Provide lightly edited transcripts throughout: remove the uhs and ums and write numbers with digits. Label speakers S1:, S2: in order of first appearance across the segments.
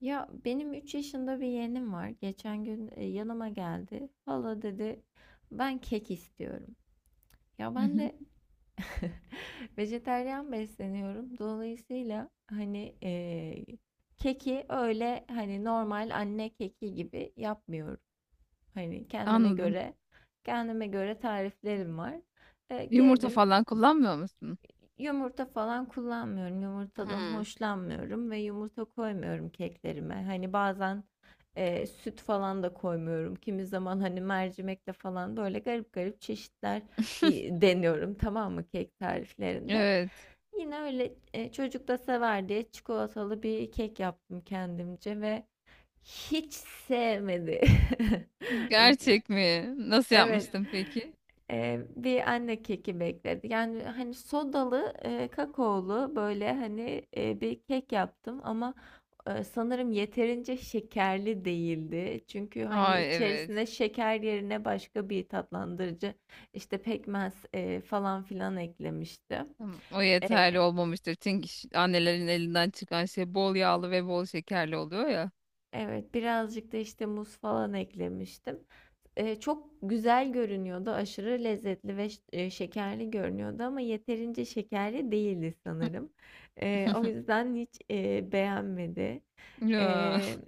S1: Ya benim 3 yaşında bir yeğenim var. Geçen gün yanıma geldi. Hala dedi ben kek istiyorum. Ya
S2: Hı
S1: ben
S2: hı.
S1: de vejetaryen besleniyorum. Dolayısıyla hani keki öyle hani normal anne keki gibi yapmıyorum. Hani kendime
S2: Anladım.
S1: göre kendime göre tariflerim var.
S2: Yumurta
S1: Girdim.
S2: falan kullanmıyor musun?
S1: Yumurta falan kullanmıyorum. Yumurtadan
S2: Hmm.
S1: hoşlanmıyorum ve yumurta koymuyorum keklerime. Hani bazen süt falan da koymuyorum. Kimi zaman hani mercimekle falan böyle garip garip çeşitler deniyorum, tamam mı, kek tariflerinde.
S2: Evet.
S1: Yine öyle çocuk da sever diye çikolatalı bir kek yaptım kendimce ve hiç sevmedi.
S2: Gerçek mi? Nasıl
S1: Evet.
S2: yapmıştın peki?
S1: Bir anne keki bekledi. Yani hani sodalı, kakaolu böyle hani bir kek yaptım ama sanırım yeterince şekerli değildi. Çünkü hani
S2: Ay, evet.
S1: içerisine şeker yerine başka bir tatlandırıcı işte pekmez falan filan eklemiştim.
S2: Tamam, o yeterli
S1: Eee,
S2: olmamıştır. Çünkü annelerin elinden çıkan şey bol yağlı ve bol şekerli oluyor ya.
S1: evet birazcık da işte muz falan eklemiştim. Çok güzel görünüyordu, aşırı lezzetli ve ş şekerli görünüyordu ama yeterince şekerli değildi sanırım. O yüzden hiç, beğenmedi.
S2: Ya.
S1: Eee,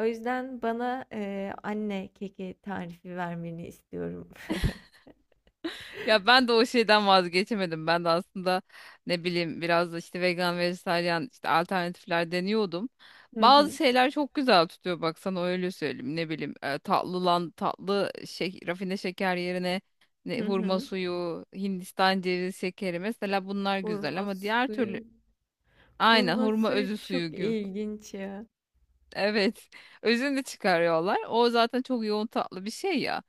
S1: o yüzden bana, anne keki tarifi vermeni istiyorum.
S2: Ya ben de o şeyden vazgeçemedim. Ben de aslında ne bileyim biraz da işte vegan, vejetaryen işte alternatifler deniyordum.
S1: Hı
S2: Bazı
S1: hı.
S2: şeyler çok güzel tutuyor, bak sana öyle söyleyeyim. Ne bileyim tatlı lan tatlı şey, rafine şeker yerine ne,
S1: Hı
S2: hurma
S1: hı.
S2: suyu, Hindistan cevizi şekeri mesela bunlar güzel
S1: Hurma
S2: ama diğer türlü
S1: suyu
S2: aynen
S1: hurma
S2: hurma
S1: suyu
S2: özü
S1: çok
S2: suyu gibi.
S1: ilginç ya.
S2: Evet. Özünü de çıkarıyorlar. O zaten çok yoğun tatlı bir şey ya.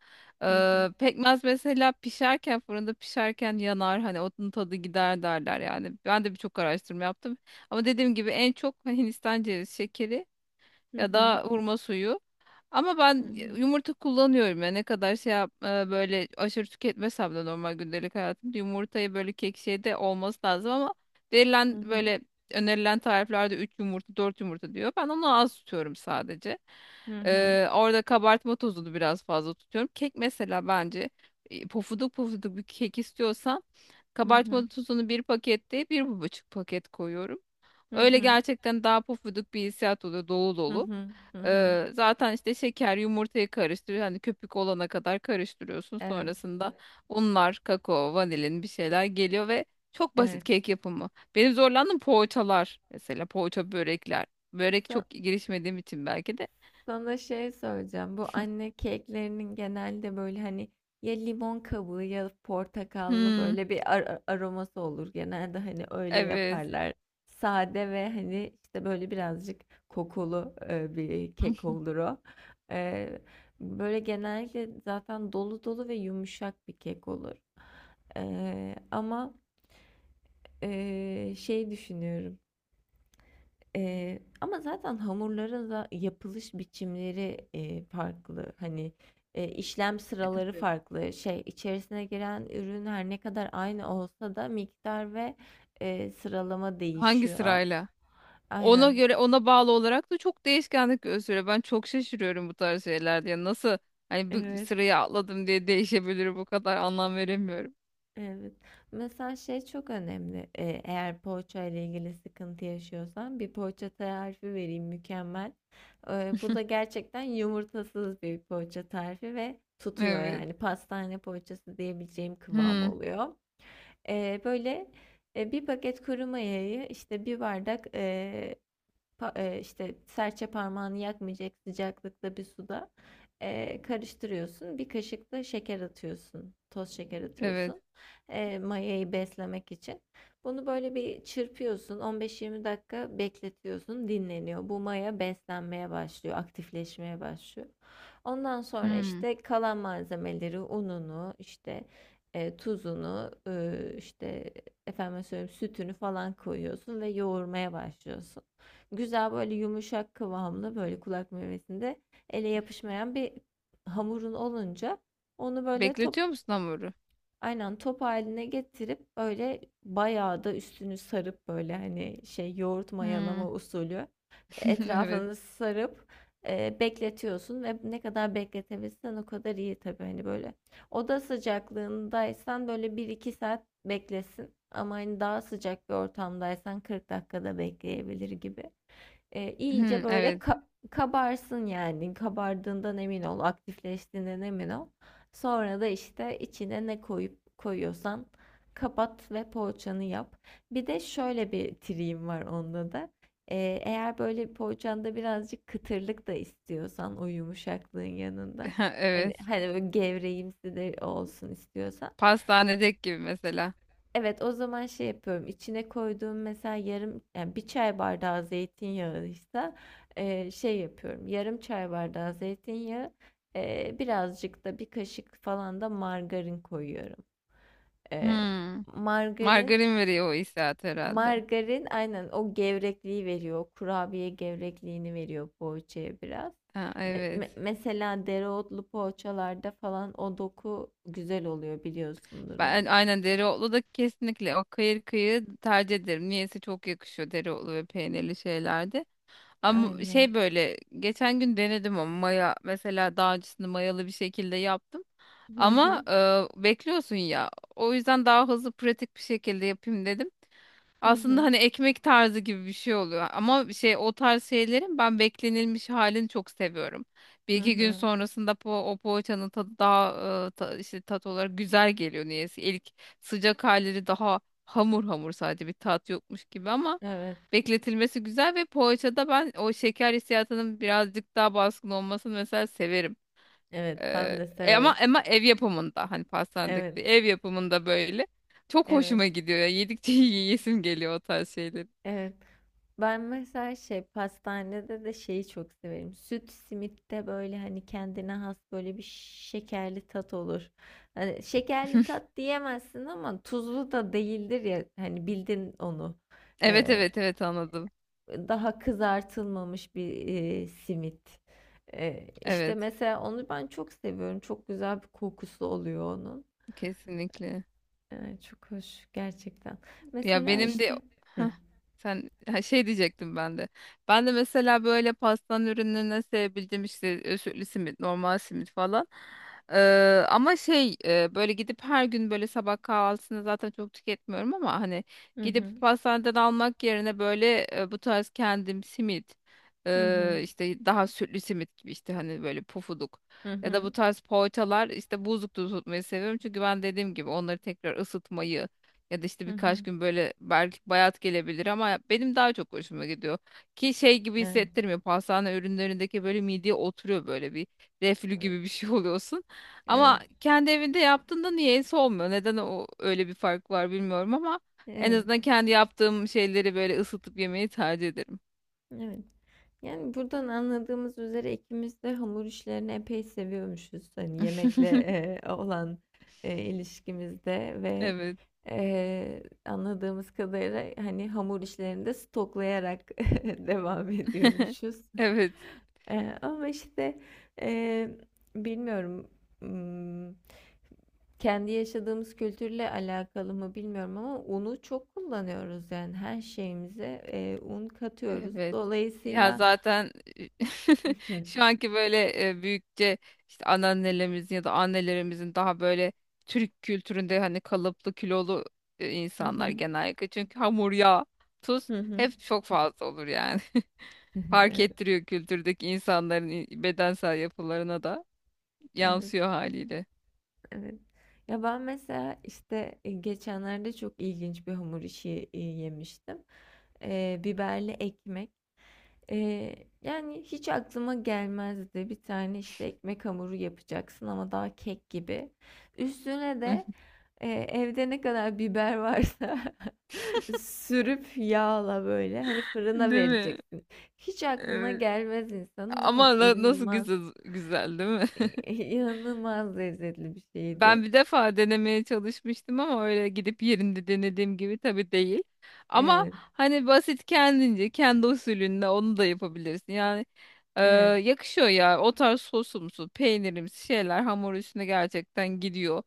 S1: Hı hı.
S2: Pekmez mesela pişerken, fırında pişerken yanar, hani onun tadı gider derler yani. Ben de birçok araştırma yaptım. Ama dediğim gibi en çok Hindistan cevizi şekeri
S1: Hı
S2: ya
S1: hı.
S2: da hurma suyu, ama
S1: Hı
S2: ben
S1: hı.
S2: yumurta kullanıyorum ya, ne kadar şey yap, böyle aşırı tüketmesem de normal gündelik hayatımda yumurtayı böyle kek şeyde olması lazım ama
S1: Hı
S2: verilen
S1: hı.
S2: böyle önerilen tariflerde 3 yumurta 4 yumurta diyor. Ben onu az tutuyorum sadece.
S1: Hı hı.
S2: Orada kabartma tozunu biraz fazla tutuyorum. Kek mesela bence pofuduk pofuduk bir kek istiyorsan
S1: Hı hı.
S2: kabartma tozunu bir pakette bir buçuk paket koyuyorum.
S1: Hı
S2: Öyle
S1: hı.
S2: gerçekten daha pofuduk bir hissiyat oluyor, dolu
S1: Hı
S2: dolu.
S1: hı. Hı hı.
S2: Zaten işte şeker yumurtayı karıştır, hani köpük olana kadar karıştırıyorsun.
S1: Evet,
S2: Sonrasında unlar, kakao, vanilin bir şeyler geliyor ve çok basit
S1: evet.
S2: kek yapımı. Benim zorlandığım poğaçalar, mesela poğaça börekler. Börek çok girişmediğim için belki de.
S1: Sana şey söyleyeceğim. Bu anne keklerinin genelde böyle hani ya limon kabuğu ya portakallı
S2: Hmm,
S1: böyle bir aroması olur. Genelde hani öyle
S2: evet.
S1: yaparlar. Sade ve hani işte böyle birazcık kokulu bir kek olur o. E, böyle genellikle zaten dolu dolu ve yumuşak bir kek olur. Ama şey düşünüyorum. Ama zaten hamurların da yapılış biçimleri, farklı. Hani, işlem
S2: E
S1: sıraları
S2: tabii.
S1: farklı. Şey, içerisine giren ürün her ne kadar aynı olsa da miktar ve, sıralama
S2: Hangi
S1: değişiyor.
S2: sırayla? Ona
S1: Aynen.
S2: göre, ona bağlı olarak da çok değişkenlik gösteriyor. Ben çok şaşırıyorum bu tarz şeylerde. Yani nasıl, hani bir
S1: Evet.
S2: sırayı atladım diye değişebilir, bu kadar anlam veremiyorum.
S1: Evet. Mesela şey çok önemli. Eğer poğaça ile ilgili sıkıntı yaşıyorsan bir poğaça tarifi vereyim, mükemmel. Bu da gerçekten yumurtasız bir poğaça tarifi ve tutuyor,
S2: Evet.
S1: yani pastane poğaçası diyebileceğim kıvam
S2: Hmm.
S1: oluyor. Eee, böyle, 1 paket kuru mayayı, işte, bir bardak, pa işte, serçe parmağını yakmayacak sıcaklıkta bir suda, karıştırıyorsun. Bir kaşık da şeker atıyorsun, toz şeker
S2: Evet.
S1: atıyorsun, mayayı beslemek için. Bunu böyle bir çırpıyorsun, 15-20 dakika bekletiyorsun, dinleniyor. Bu maya beslenmeye başlıyor, aktifleşmeye başlıyor. Ondan sonra,
S2: Hmm.
S1: işte, kalan malzemeleri, ununu, işte, tuzunu, işte efendim söyleyeyim sütünü falan koyuyorsun ve yoğurmaya başlıyorsun. Güzel böyle yumuşak kıvamlı böyle kulak memesinde ele yapışmayan bir hamurun olunca onu böyle top
S2: Bekletiyor musun hamuru?
S1: aynen top haline getirip böyle bayağı da üstünü sarıp, böyle hani şey yoğurt
S2: Hmm.
S1: mayalama usulü
S2: Evet.
S1: etrafını sarıp bekletiyorsun ve ne kadar bekletebilirsen o kadar iyi. Tabii hani böyle oda sıcaklığındaysan böyle bir iki saat beklesin, ama hani daha sıcak bir ortamdaysan 40 dakikada bekleyebilir gibi
S2: Hmm,
S1: iyice böyle
S2: evet.
S1: kabarsın yani. Kabardığından emin ol, aktifleştiğinden emin ol. Sonra da işte içine ne koyup koyuyorsan kapat ve poğaçanı yap. Bir de şöyle bir triğim var onda da. E, eğer böyle poğaçanda birazcık kıtırlık da istiyorsan, o yumuşaklığın yanında. Hani,
S2: Evet.
S1: hani böyle gevreğimsi de olsun istiyorsan.
S2: Pastanedeki gibi mesela.
S1: Evet, o zaman şey yapıyorum. İçine koyduğum mesela yarım, yani bir çay bardağı zeytinyağıysa şey yapıyorum. Yarım çay bardağı zeytinyağı, birazcık da bir kaşık falan da margarin koyuyorum. Eee,
S2: Hmm.
S1: margarin
S2: Margarin veriyor o hissiyat herhalde.
S1: margarin aynen o gevrekliği veriyor. O kurabiye gevrekliğini veriyor poğaçaya biraz.
S2: Ha, evet.
S1: Mesela dereotlu poğaçalarda falan o doku güzel oluyor, biliyorsundur
S2: Ben
S1: onu.
S2: aynen dereotlu da kesinlikle o kıyır kıyır tercih ederim. Niyeyse çok yakışıyor dereotlu ve peynirli şeylerde. Ama
S1: Aynen.
S2: şey böyle geçen gün denedim ama maya mesela daha öncesinde mayalı bir şekilde yaptım.
S1: Hı
S2: Ama
S1: hı.
S2: bekliyorsun ya. O yüzden daha hızlı pratik bir şekilde yapayım dedim.
S1: Hı
S2: Aslında
S1: hı.
S2: hani ekmek tarzı gibi bir şey oluyor. Ama şey o tarz şeylerin ben beklenilmiş halini çok seviyorum. Bir
S1: Hı
S2: iki gün
S1: hı.
S2: sonrasında o poğaçanın tadı daha işte tat olarak güzel geliyor niyeyse. İlk sıcak halleri daha hamur hamur, sadece bir tat yokmuş gibi ama
S1: Evet,
S2: bekletilmesi güzel ve poğaçada ben o şeker hissiyatının birazcık daha baskın olmasını mesela severim.
S1: evet ben de
S2: Ama
S1: severim.
S2: ama ev yapımında hani, pastanedeki
S1: Evet,
S2: değil, ev yapımında böyle çok
S1: evet,
S2: hoşuma gidiyor ya. Yedikçe yiyesim geliyor o tarz şeyleri.
S1: evet. Ben mesela şey pastanede de şeyi çok severim. Süt simitte böyle hani kendine has böyle bir şekerli tat olur. Hani şekerli tat diyemezsin ama tuzlu da değildir ya, hani bildin onu.
S2: Evet,
S1: Ee,
S2: evet, evet, anladım.
S1: daha kızartılmamış bir simit. İşte
S2: Evet,
S1: mesela onu ben çok seviyorum. Çok güzel bir kokusu oluyor onun.
S2: kesinlikle.
S1: Ay, çok hoş gerçekten.
S2: Ya
S1: Mesela
S2: benim de.
S1: işte. Hı.
S2: Heh, sen ha, şey diyecektim ben de. Ben de mesela böyle pastan ürünlerine sevebildiğim işte özütlü simit, normal simit falan. Ama şey, böyle gidip her gün böyle sabah kahvaltısını zaten çok tüketmiyorum ama hani
S1: Hı hı.
S2: gidip pastaneden almak yerine böyle bu tarz kendim simit,
S1: Hı hı.
S2: işte daha sütlü simit gibi, işte hani böyle pufuduk
S1: Hı
S2: ya da bu
S1: hı.
S2: tarz poğaçalar işte buzlukta tutmayı seviyorum, çünkü ben dediğim gibi onları tekrar ısıtmayı ya da işte
S1: Hı
S2: birkaç
S1: hı.
S2: gün böyle belki bayat gelebilir ama benim daha çok hoşuma gidiyor. Ki şey gibi
S1: Evet.
S2: hissettirmiyor. Pastane ürünlerindeki böyle mideye oturuyor, böyle bir reflü
S1: Evet.
S2: gibi bir şey oluyorsun. Ama
S1: Evet.
S2: kendi evinde yaptığında niyeyse olmuyor. Neden o, öyle bir fark var bilmiyorum ama en azından
S1: Evet.
S2: kendi yaptığım şeyleri böyle ısıtıp yemeyi tercih ederim.
S1: Evet. Yani buradan anladığımız üzere ikimiz de hamur işlerini epey seviyormuşuz. Hani yemekle olan ilişkimizde ve
S2: Evet.
S1: anladığımız kadarıyla hani hamur işlerini de stoklayarak devam ediyormuşuz.
S2: Evet.
S1: Ama işte e, bilmiyorum, m, kendi yaşadığımız kültürle alakalı mı bilmiyorum ama unu çok kullanıyoruz, yani her şeyimize un katıyoruz.
S2: Evet. Ya
S1: Dolayısıyla
S2: zaten şu anki böyle büyükçe, işte anneannelerimizin ya da annelerimizin daha böyle Türk kültüründe hani kalıplı kilolu
S1: Hı
S2: insanlar
S1: hı.
S2: genellikle. Çünkü hamur, yağ, tuz
S1: Hı hı.
S2: hep çok fazla olur yani. Fark
S1: Evet,
S2: ettiriyor, kültürdeki insanların bedensel yapılarına da
S1: evet,
S2: yansıyor haliyle.
S1: evet. Ya ben mesela işte geçenlerde çok ilginç bir hamur işi yemiştim. Biberli ekmek. E, yani hiç aklıma gelmezdi. Bir tane işte ekmek hamuru yapacaksın ama daha kek gibi. Üstüne de evde ne kadar biber varsa sürüp yağla böyle hani fırına
S2: Değil mi?
S1: vereceksin. Hiç aklına
S2: Evet.
S1: gelmez insanın ama
S2: Ama nasıl
S1: inanılmaz.
S2: güzel, güzel değil mi?
S1: İnanılmaz lezzetli bir
S2: Ben
S1: şeydi.
S2: bir defa denemeye çalışmıştım ama öyle gidip yerinde denediğim gibi tabii değil. Ama
S1: Evet,
S2: hani basit kendince, kendi usulünde onu da yapabilirsin. Yani e,
S1: evet,
S2: yakışıyor ya, o tarz sosumsu, peynirimsi şeyler hamur üstüne gerçekten gidiyor.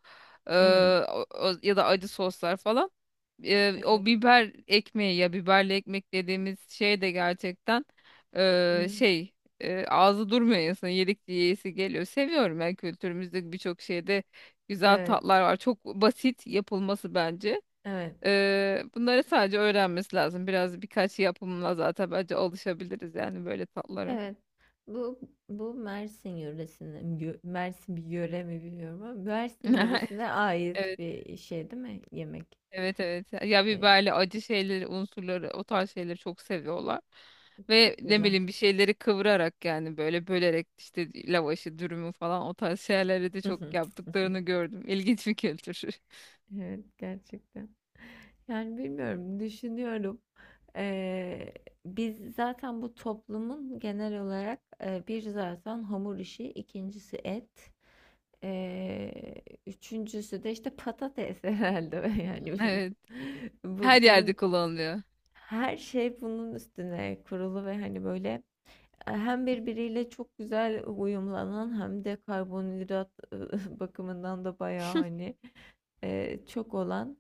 S2: E,
S1: evet,
S2: ya da acı soslar falan. O
S1: evet,
S2: biber ekmeği ya biberli ekmek dediğimiz şey de gerçekten e,
S1: evet,
S2: şey ağzı durmuyor insanın, yedikçe yiyesi geliyor. Seviyorum, ben kültürümüzde birçok şeyde güzel
S1: evet,
S2: tatlar var. Çok basit yapılması bence.
S1: evet.
S2: Bunları sadece öğrenmesi lazım. Biraz birkaç yapımla zaten bence alışabiliriz yani böyle tatlara.
S1: Evet. Bu bu Mersin yöresine, Mersin bir yöre mi bilmiyorum ama Mersin yöresine ait
S2: Evet,
S1: bir şey değil mi? Yemek.
S2: evet, evet. Ya
S1: Ee,
S2: biberli acı şeyleri, unsurları, o tarz şeyleri çok seviyorlar. Ve
S1: çok
S2: ne
S1: güzel.
S2: bileyim bir şeyleri kıvırarak, yani böyle bölerek, işte lavaşı, dürümü falan, o tarz şeyleri de çok yaptıklarını gördüm. İlginç bir kültür.
S1: Evet, gerçekten. Yani bilmiyorum, düşünüyorum. Ee, biz zaten bu toplumun genel olarak bir zaten hamur işi, ikincisi et. Ee, üçüncüsü de işte patates herhalde yani
S2: Evet. Her yerde
S1: bunun
S2: kullanılıyor.
S1: her şey bunun üstüne kurulu ve hani böyle hem birbiriyle çok güzel uyumlanan hem de karbonhidrat bakımından da bayağı hani çok olan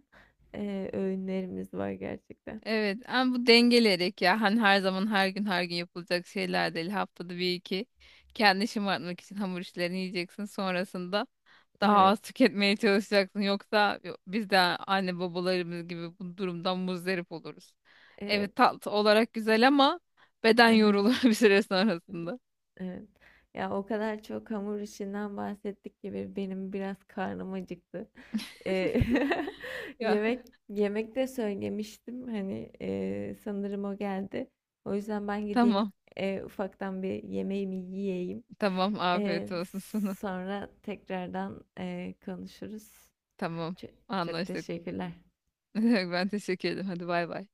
S1: öğünlerimiz var gerçekten.
S2: Evet ama bu dengeleyerek, ya hani her zaman, her gün yapılacak şeyler değil, haftada bir iki kendini şımartmak için hamur işlerini yiyeceksin, sonrasında daha
S1: Evet,
S2: az tüketmeye çalışacaksın, yoksa biz de anne babalarımız gibi bu durumdan muzdarip oluruz.
S1: evet.
S2: Evet, tatlı olarak güzel ama beden yorulur bir süre sonrasında.
S1: Evet. Ya o kadar çok hamur işinden bahsettik ki benim biraz karnım acıktı. Eee,
S2: Ya
S1: yemek yemek de söylemiştim. Hani sanırım o geldi. O yüzden ben gideyim
S2: tamam
S1: ufaktan bir yemeğimi yiyeyim.
S2: tamam,
S1: Eee,
S2: afiyet olsun sana.
S1: sonra tekrardan konuşuruz.
S2: Tamam,
S1: Çok, çok
S2: anlaştık.
S1: teşekkürler.
S2: Ben teşekkür ederim, hadi bay bay.